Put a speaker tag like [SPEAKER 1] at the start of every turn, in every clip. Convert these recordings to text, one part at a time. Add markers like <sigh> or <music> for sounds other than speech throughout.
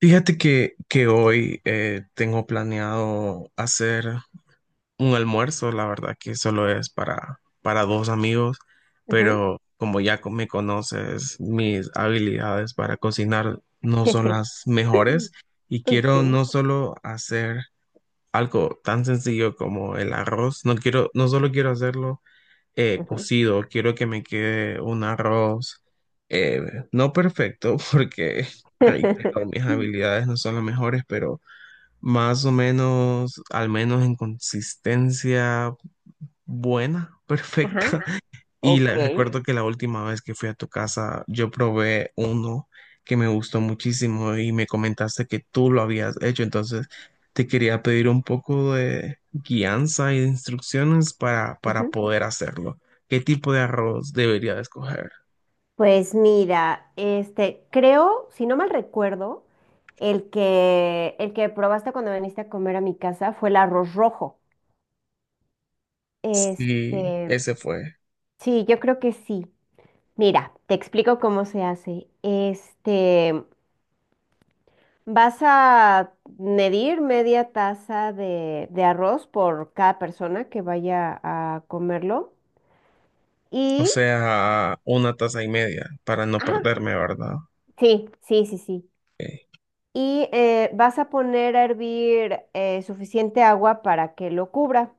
[SPEAKER 1] Fíjate que hoy tengo planeado hacer un almuerzo, la verdad que solo es para dos amigos,
[SPEAKER 2] Ajá.
[SPEAKER 1] pero como ya me conoces, mis habilidades para cocinar no son
[SPEAKER 2] <laughs>
[SPEAKER 1] las mejores y
[SPEAKER 2] Ok.
[SPEAKER 1] quiero no solo hacer algo tan sencillo como el arroz, no quiero, no solo quiero hacerlo
[SPEAKER 2] Ajá.
[SPEAKER 1] cocido, quiero que me quede un arroz, eh, no perfecto, <laughs> porque reitero, mis
[SPEAKER 2] <laughs>
[SPEAKER 1] habilidades no son las mejores, pero más o menos, al menos en consistencia buena, <laughs>
[SPEAKER 2] Ajá.
[SPEAKER 1] perfecta. Y
[SPEAKER 2] Ok.
[SPEAKER 1] recuerdo que la última vez que fui a tu casa, yo probé uno que me gustó muchísimo y me comentaste que tú lo habías hecho. Entonces, te quería pedir un poco de guianza y de instrucciones para
[SPEAKER 2] Ujú.
[SPEAKER 1] poder hacerlo. ¿Qué tipo de arroz debería de escoger?
[SPEAKER 2] Pues mira, creo, si no mal recuerdo, el que probaste cuando viniste a comer a mi casa fue el arroz rojo.
[SPEAKER 1] Sí,
[SPEAKER 2] Este,
[SPEAKER 1] ese fue.
[SPEAKER 2] sí, yo creo que sí. Mira, te explico cómo se hace. Vas a medir media taza de arroz por cada persona que vaya a comerlo.
[SPEAKER 1] O
[SPEAKER 2] y
[SPEAKER 1] sea, una taza y media para no
[SPEAKER 2] Ajá,
[SPEAKER 1] perderme, ¿verdad?
[SPEAKER 2] sí, sí, sí, sí.
[SPEAKER 1] Ok.
[SPEAKER 2] Y vas a poner a hervir suficiente agua para que lo cubra.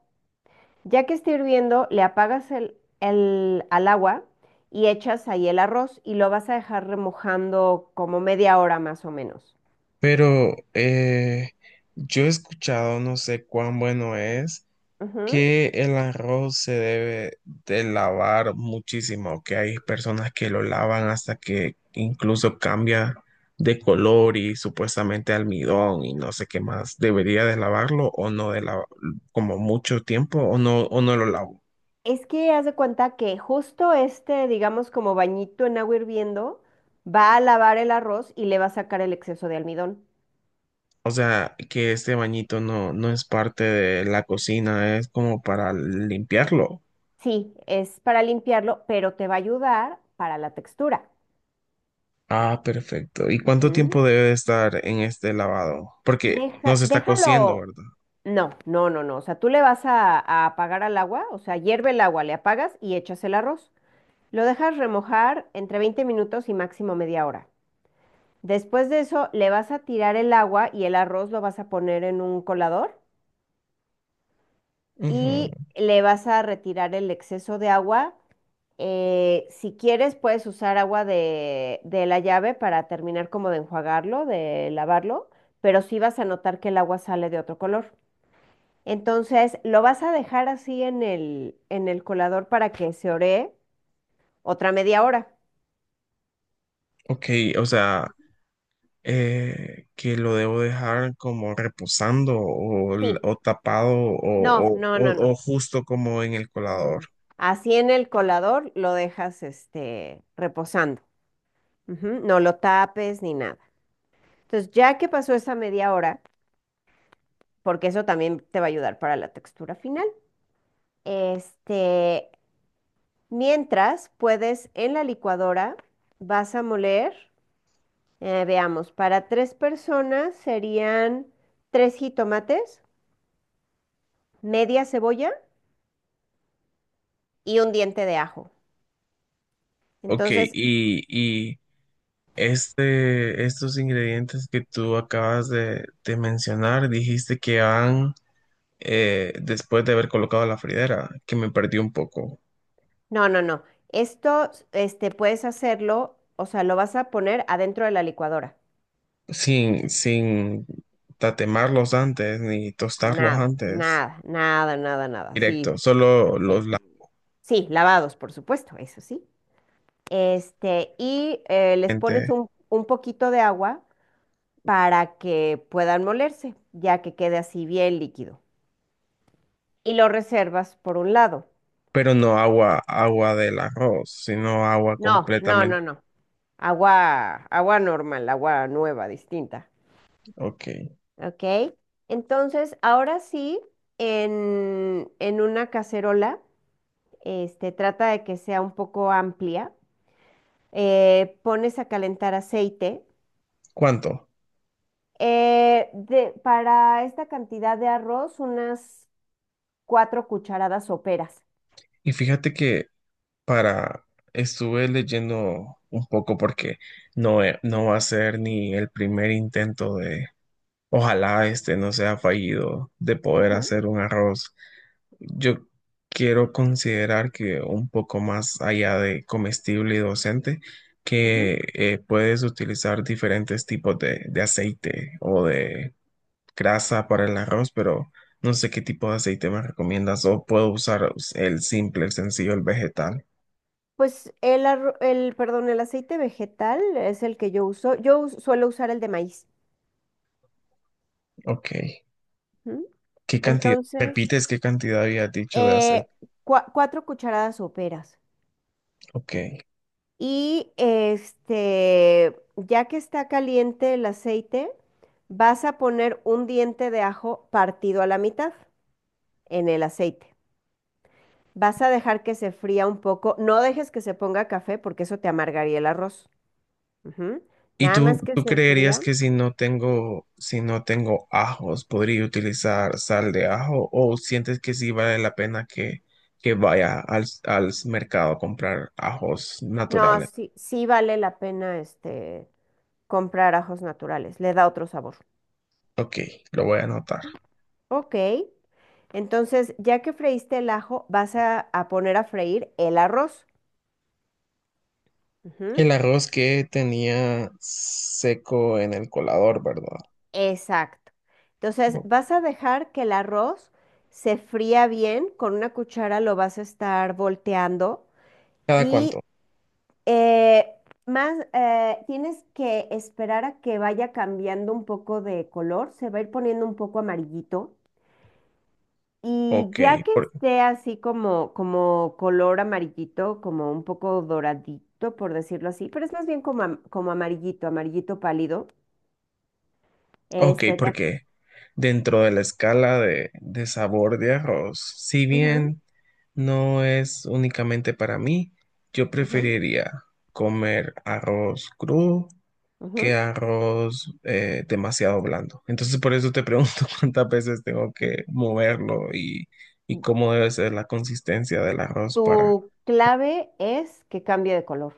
[SPEAKER 2] Ya que esté hirviendo, le apagas al agua y echas ahí el arroz y lo vas a dejar remojando como media hora más o menos.
[SPEAKER 1] Pero yo he escuchado, no sé cuán bueno es
[SPEAKER 2] Ujú.
[SPEAKER 1] que el arroz se debe de lavar muchísimo, que hay personas que lo lavan hasta que incluso cambia de color y supuestamente almidón y no sé qué más. ¿Debería de lavarlo o no de lavar como mucho tiempo o no lo lavo?
[SPEAKER 2] Es que haz de cuenta que justo digamos, como bañito en agua hirviendo, va a lavar el arroz y le va a sacar el exceso de almidón.
[SPEAKER 1] O sea, que este bañito no es parte de la cocina, es como para limpiarlo.
[SPEAKER 2] Sí, es para limpiarlo, pero te va a ayudar para la textura.
[SPEAKER 1] Ah, perfecto. ¿Y cuánto
[SPEAKER 2] Ujú.
[SPEAKER 1] tiempo debe de estar en este lavado? Porque no se está cociendo,
[SPEAKER 2] Déjalo.
[SPEAKER 1] ¿verdad?
[SPEAKER 2] No, no, no, no. O sea, tú le vas a apagar al agua, o sea, hierve el agua, le apagas y echas el arroz. Lo dejas remojar entre 20 minutos y máximo media hora. Después de eso, le vas a tirar el agua y el arroz lo vas a poner en un colador
[SPEAKER 1] Ujú.
[SPEAKER 2] y le vas a retirar el exceso de agua. Si quieres, puedes usar agua de la llave para terminar como de enjuagarlo, de lavarlo, pero sí vas a notar que el agua sale de otro color. Entonces, lo vas a dejar así en el colador para que se ore otra media hora.
[SPEAKER 1] Ok, o sea, que lo debo dejar como reposando o,
[SPEAKER 2] Sí,
[SPEAKER 1] o tapado o,
[SPEAKER 2] no, no, no, no.
[SPEAKER 1] o justo como en el colador.
[SPEAKER 2] no. Así en el colador lo dejas reposando. Ujú, no lo tapes ni nada. Entonces, ya que pasó esa media hora, porque eso también te va a ayudar para la textura final, este, mientras puedes en la licuadora, vas a moler, veamos, para tres personas serían tres jitomates, media cebolla y un diente de ajo.
[SPEAKER 1] Ok,
[SPEAKER 2] Entonces,
[SPEAKER 1] y este, estos ingredientes que tú acabas de mencionar, dijiste que van después de haber colocado la fridera, que me perdí un poco,
[SPEAKER 2] no, no, no. Esto, puedes hacerlo, o sea, lo vas a poner adentro de la licuadora.
[SPEAKER 1] sin tatemarlos antes ni tostarlos
[SPEAKER 2] Nada,
[SPEAKER 1] antes,
[SPEAKER 2] nada, nada, nada, nada. Sí,
[SPEAKER 1] directo, solo
[SPEAKER 2] sí.
[SPEAKER 1] los lavo.
[SPEAKER 2] Sí, lavados, por supuesto, eso sí. Y les pones un poquito de agua para que puedan molerse, ya que quede así bien líquido. Y lo reservas por un lado.
[SPEAKER 1] Pero no agua, agua del arroz, sino agua
[SPEAKER 2] No, no, no,
[SPEAKER 1] completamente.
[SPEAKER 2] no. Agua, agua normal, agua nueva, distinta.
[SPEAKER 1] Ok.
[SPEAKER 2] ¿Ok? Entonces, ahora sí, en una cacerola, trata de que sea un poco amplia, pones a calentar aceite.
[SPEAKER 1] ¿Cuánto?
[SPEAKER 2] Para esta cantidad de arroz, unas cuatro cucharadas soperas.
[SPEAKER 1] Y fíjate que para, estuve leyendo un poco porque no, no va a ser ni el primer intento de, ojalá este no sea fallido, de poder
[SPEAKER 2] Ujú.
[SPEAKER 1] hacer un arroz. Yo quiero considerar que un poco más allá de comestible y docente, que
[SPEAKER 2] Ujú.
[SPEAKER 1] puedes utilizar diferentes tipos de aceite o de grasa para el arroz, pero no sé qué tipo de aceite me recomiendas o puedo usar el simple, el sencillo, el vegetal.
[SPEAKER 2] Pues el, perdón, el aceite vegetal es el que yo uso. Suelo usar el de maíz.
[SPEAKER 1] Ok.
[SPEAKER 2] Ujú.
[SPEAKER 1] ¿Qué cantidad?
[SPEAKER 2] Entonces,
[SPEAKER 1] ¿Repites qué cantidad había dicho de aceite?
[SPEAKER 2] eh, cuatro cucharadas soperas.
[SPEAKER 1] Ok.
[SPEAKER 2] Y ya que está caliente el aceite, vas a poner un diente de ajo partido a la mitad en el aceite. Vas a dejar que se fría un poco. No dejes que se ponga café porque eso te amargaría el arroz. Ujú.
[SPEAKER 1] ¿Y
[SPEAKER 2] Nada
[SPEAKER 1] tú,
[SPEAKER 2] más que
[SPEAKER 1] tú
[SPEAKER 2] se
[SPEAKER 1] creerías
[SPEAKER 2] fría.
[SPEAKER 1] que si no tengo, si no tengo ajos, podría utilizar sal de ajo o sientes que sí vale la pena que vaya al, al mercado a comprar ajos
[SPEAKER 2] No,
[SPEAKER 1] naturales?
[SPEAKER 2] sí, sí vale la pena comprar ajos naturales. Le da otro sabor.
[SPEAKER 1] Ok, lo voy a anotar.
[SPEAKER 2] Ok. Entonces, ya que freíste el ajo, vas a poner a freír el arroz.
[SPEAKER 1] El
[SPEAKER 2] Ujú.
[SPEAKER 1] arroz que tenía seco en el colador, ¿verdad?
[SPEAKER 2] Exacto.
[SPEAKER 1] ¿O
[SPEAKER 2] Entonces, vas a dejar que el arroz se fría bien, con una cuchara lo vas a estar volteando
[SPEAKER 1] ¿Cada
[SPEAKER 2] y
[SPEAKER 1] cuánto?
[SPEAKER 2] eh, más tienes que esperar a que vaya cambiando un poco de color, se va a ir poniendo un poco amarillito y
[SPEAKER 1] Ok,
[SPEAKER 2] ya que
[SPEAKER 1] por,
[SPEAKER 2] esté así como, como color amarillito, como un poco doradito, por decirlo así, pero es más bien como, como amarillito, amarillito pálido,
[SPEAKER 1] ok,
[SPEAKER 2] este te...
[SPEAKER 1] porque dentro de la escala de sabor de arroz, si
[SPEAKER 2] Ujú,
[SPEAKER 1] bien no es únicamente para mí, yo
[SPEAKER 2] ujú,
[SPEAKER 1] preferiría comer arroz crudo que
[SPEAKER 2] ujú.
[SPEAKER 1] arroz demasiado blando. Entonces por eso te pregunto <laughs> cuántas veces tengo que moverlo y cómo debe ser la consistencia del arroz para...
[SPEAKER 2] Tu clave es que cambie de color,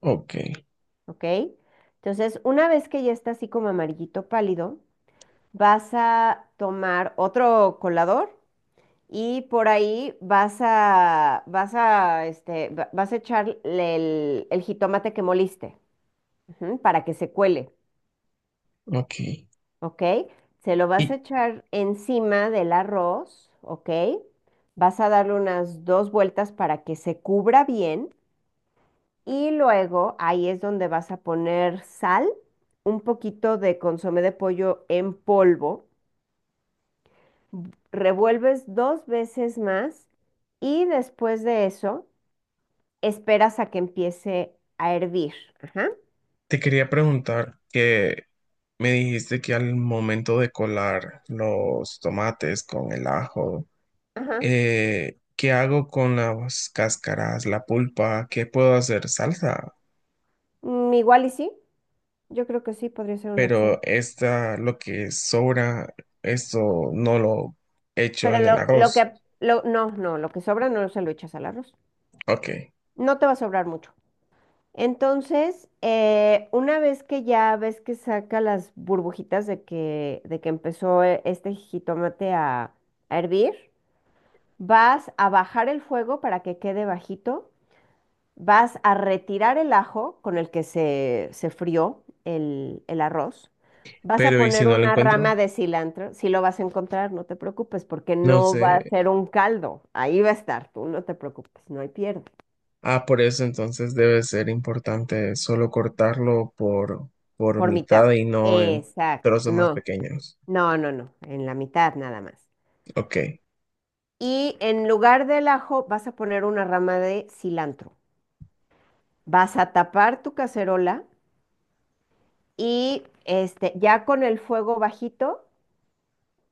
[SPEAKER 1] Ok.
[SPEAKER 2] ¿ok? Entonces, una vez que ya está así como amarillito pálido, vas a tomar otro colador y por ahí vas a echar el jitomate que moliste, ujú, para que se cuele,
[SPEAKER 1] Ok.
[SPEAKER 2] ¿ok? Se lo vas
[SPEAKER 1] Y
[SPEAKER 2] a echar encima del arroz, ¿ok? Vas a darle unas dos vueltas para que se cubra bien. Y luego ahí es donde vas a poner sal, un poquito de consomé de pollo en polvo, revuelves dos veces más y después de eso esperas a que empiece a hervir. Ajá,
[SPEAKER 1] te quería preguntar que me dijiste que al momento de colar los tomates con el ajo,
[SPEAKER 2] ajá.
[SPEAKER 1] ¿qué hago con las cáscaras, la pulpa? ¿Qué puedo hacer? Salsa.
[SPEAKER 2] Mm, igual y sí, yo creo que sí podría ser una
[SPEAKER 1] Pero
[SPEAKER 2] opción.
[SPEAKER 1] esta, lo que sobra, esto no lo echo
[SPEAKER 2] Pero
[SPEAKER 1] en el arroz.
[SPEAKER 2] no, no, lo que sobra no se lo echas al arroz.
[SPEAKER 1] Ok.
[SPEAKER 2] No te va a sobrar mucho. Entonces, una vez que ya ves que saca las burbujitas de que empezó este jitomate a hervir, vas a bajar el fuego para que quede bajito, vas a retirar el ajo con el que se frió el arroz, vas a
[SPEAKER 1] Pero ¿y si
[SPEAKER 2] poner
[SPEAKER 1] no lo
[SPEAKER 2] una
[SPEAKER 1] encuentro?
[SPEAKER 2] rama de cilantro, si lo vas a encontrar, no te preocupes, porque
[SPEAKER 1] No
[SPEAKER 2] no
[SPEAKER 1] sé.
[SPEAKER 2] va a ser un caldo, ahí va a estar, tú no te preocupes, no hay pierde,
[SPEAKER 1] Ah, por eso entonces debe ser importante solo cortarlo por
[SPEAKER 2] por mitad.
[SPEAKER 1] mitad y no en
[SPEAKER 2] Exacto,
[SPEAKER 1] trozos más
[SPEAKER 2] no.
[SPEAKER 1] pequeños.
[SPEAKER 2] No, no, no, en la mitad nada más.
[SPEAKER 1] Ok.
[SPEAKER 2] Y en lugar del ajo vas a poner una rama de cilantro. Vas a tapar tu cacerola y ya con el fuego bajito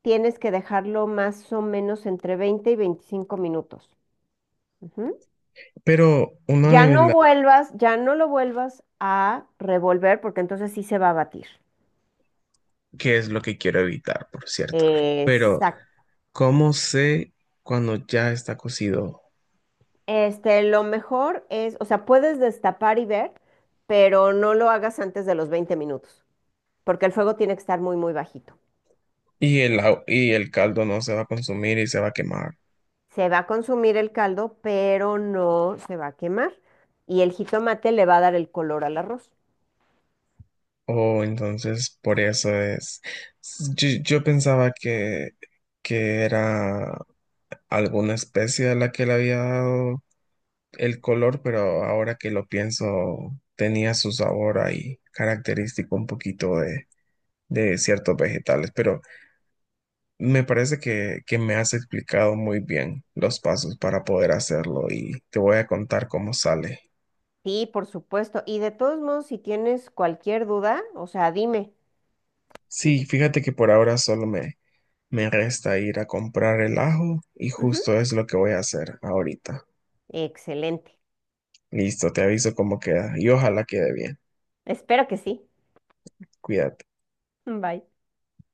[SPEAKER 2] tienes que dejarlo más o menos entre 20 y 25 minutos. Ujú.
[SPEAKER 1] Pero uno
[SPEAKER 2] Ya
[SPEAKER 1] de
[SPEAKER 2] no
[SPEAKER 1] la...
[SPEAKER 2] vuelvas, ya no lo vuelvas a revolver porque entonces sí se va a batir.
[SPEAKER 1] ¿Qué es lo que quiero evitar, por cierto? Pero,
[SPEAKER 2] Exacto.
[SPEAKER 1] ¿cómo sé cuando ya está cocido
[SPEAKER 2] Lo mejor es, o sea, puedes destapar y ver, pero no lo hagas antes de los 20 minutos. Porque el fuego tiene que estar muy, muy bajito.
[SPEAKER 1] y el, y el caldo no se va a consumir y se va a quemar?
[SPEAKER 2] Se va a consumir el caldo, pero no se va a quemar. Y el jitomate le va a dar el color al arroz.
[SPEAKER 1] Oh, entonces por eso es... Yo pensaba que era alguna especie a la que le había dado el color, pero ahora que lo pienso, tenía su sabor ahí característico un poquito de ciertos vegetales, pero me parece que me has explicado muy bien los pasos para poder hacerlo y te voy a contar cómo sale.
[SPEAKER 2] Sí, por supuesto. Y de todos modos, si tienes cualquier duda, o sea, dime.
[SPEAKER 1] Sí,
[SPEAKER 2] Y,
[SPEAKER 1] fíjate que por ahora solo me, me resta ir a comprar el ajo y
[SPEAKER 2] Ujú.
[SPEAKER 1] justo es lo que voy a hacer ahorita.
[SPEAKER 2] Excelente.
[SPEAKER 1] Listo, te aviso cómo queda y ojalá quede bien.
[SPEAKER 2] Espero que sí.
[SPEAKER 1] Cuídate.
[SPEAKER 2] Bye.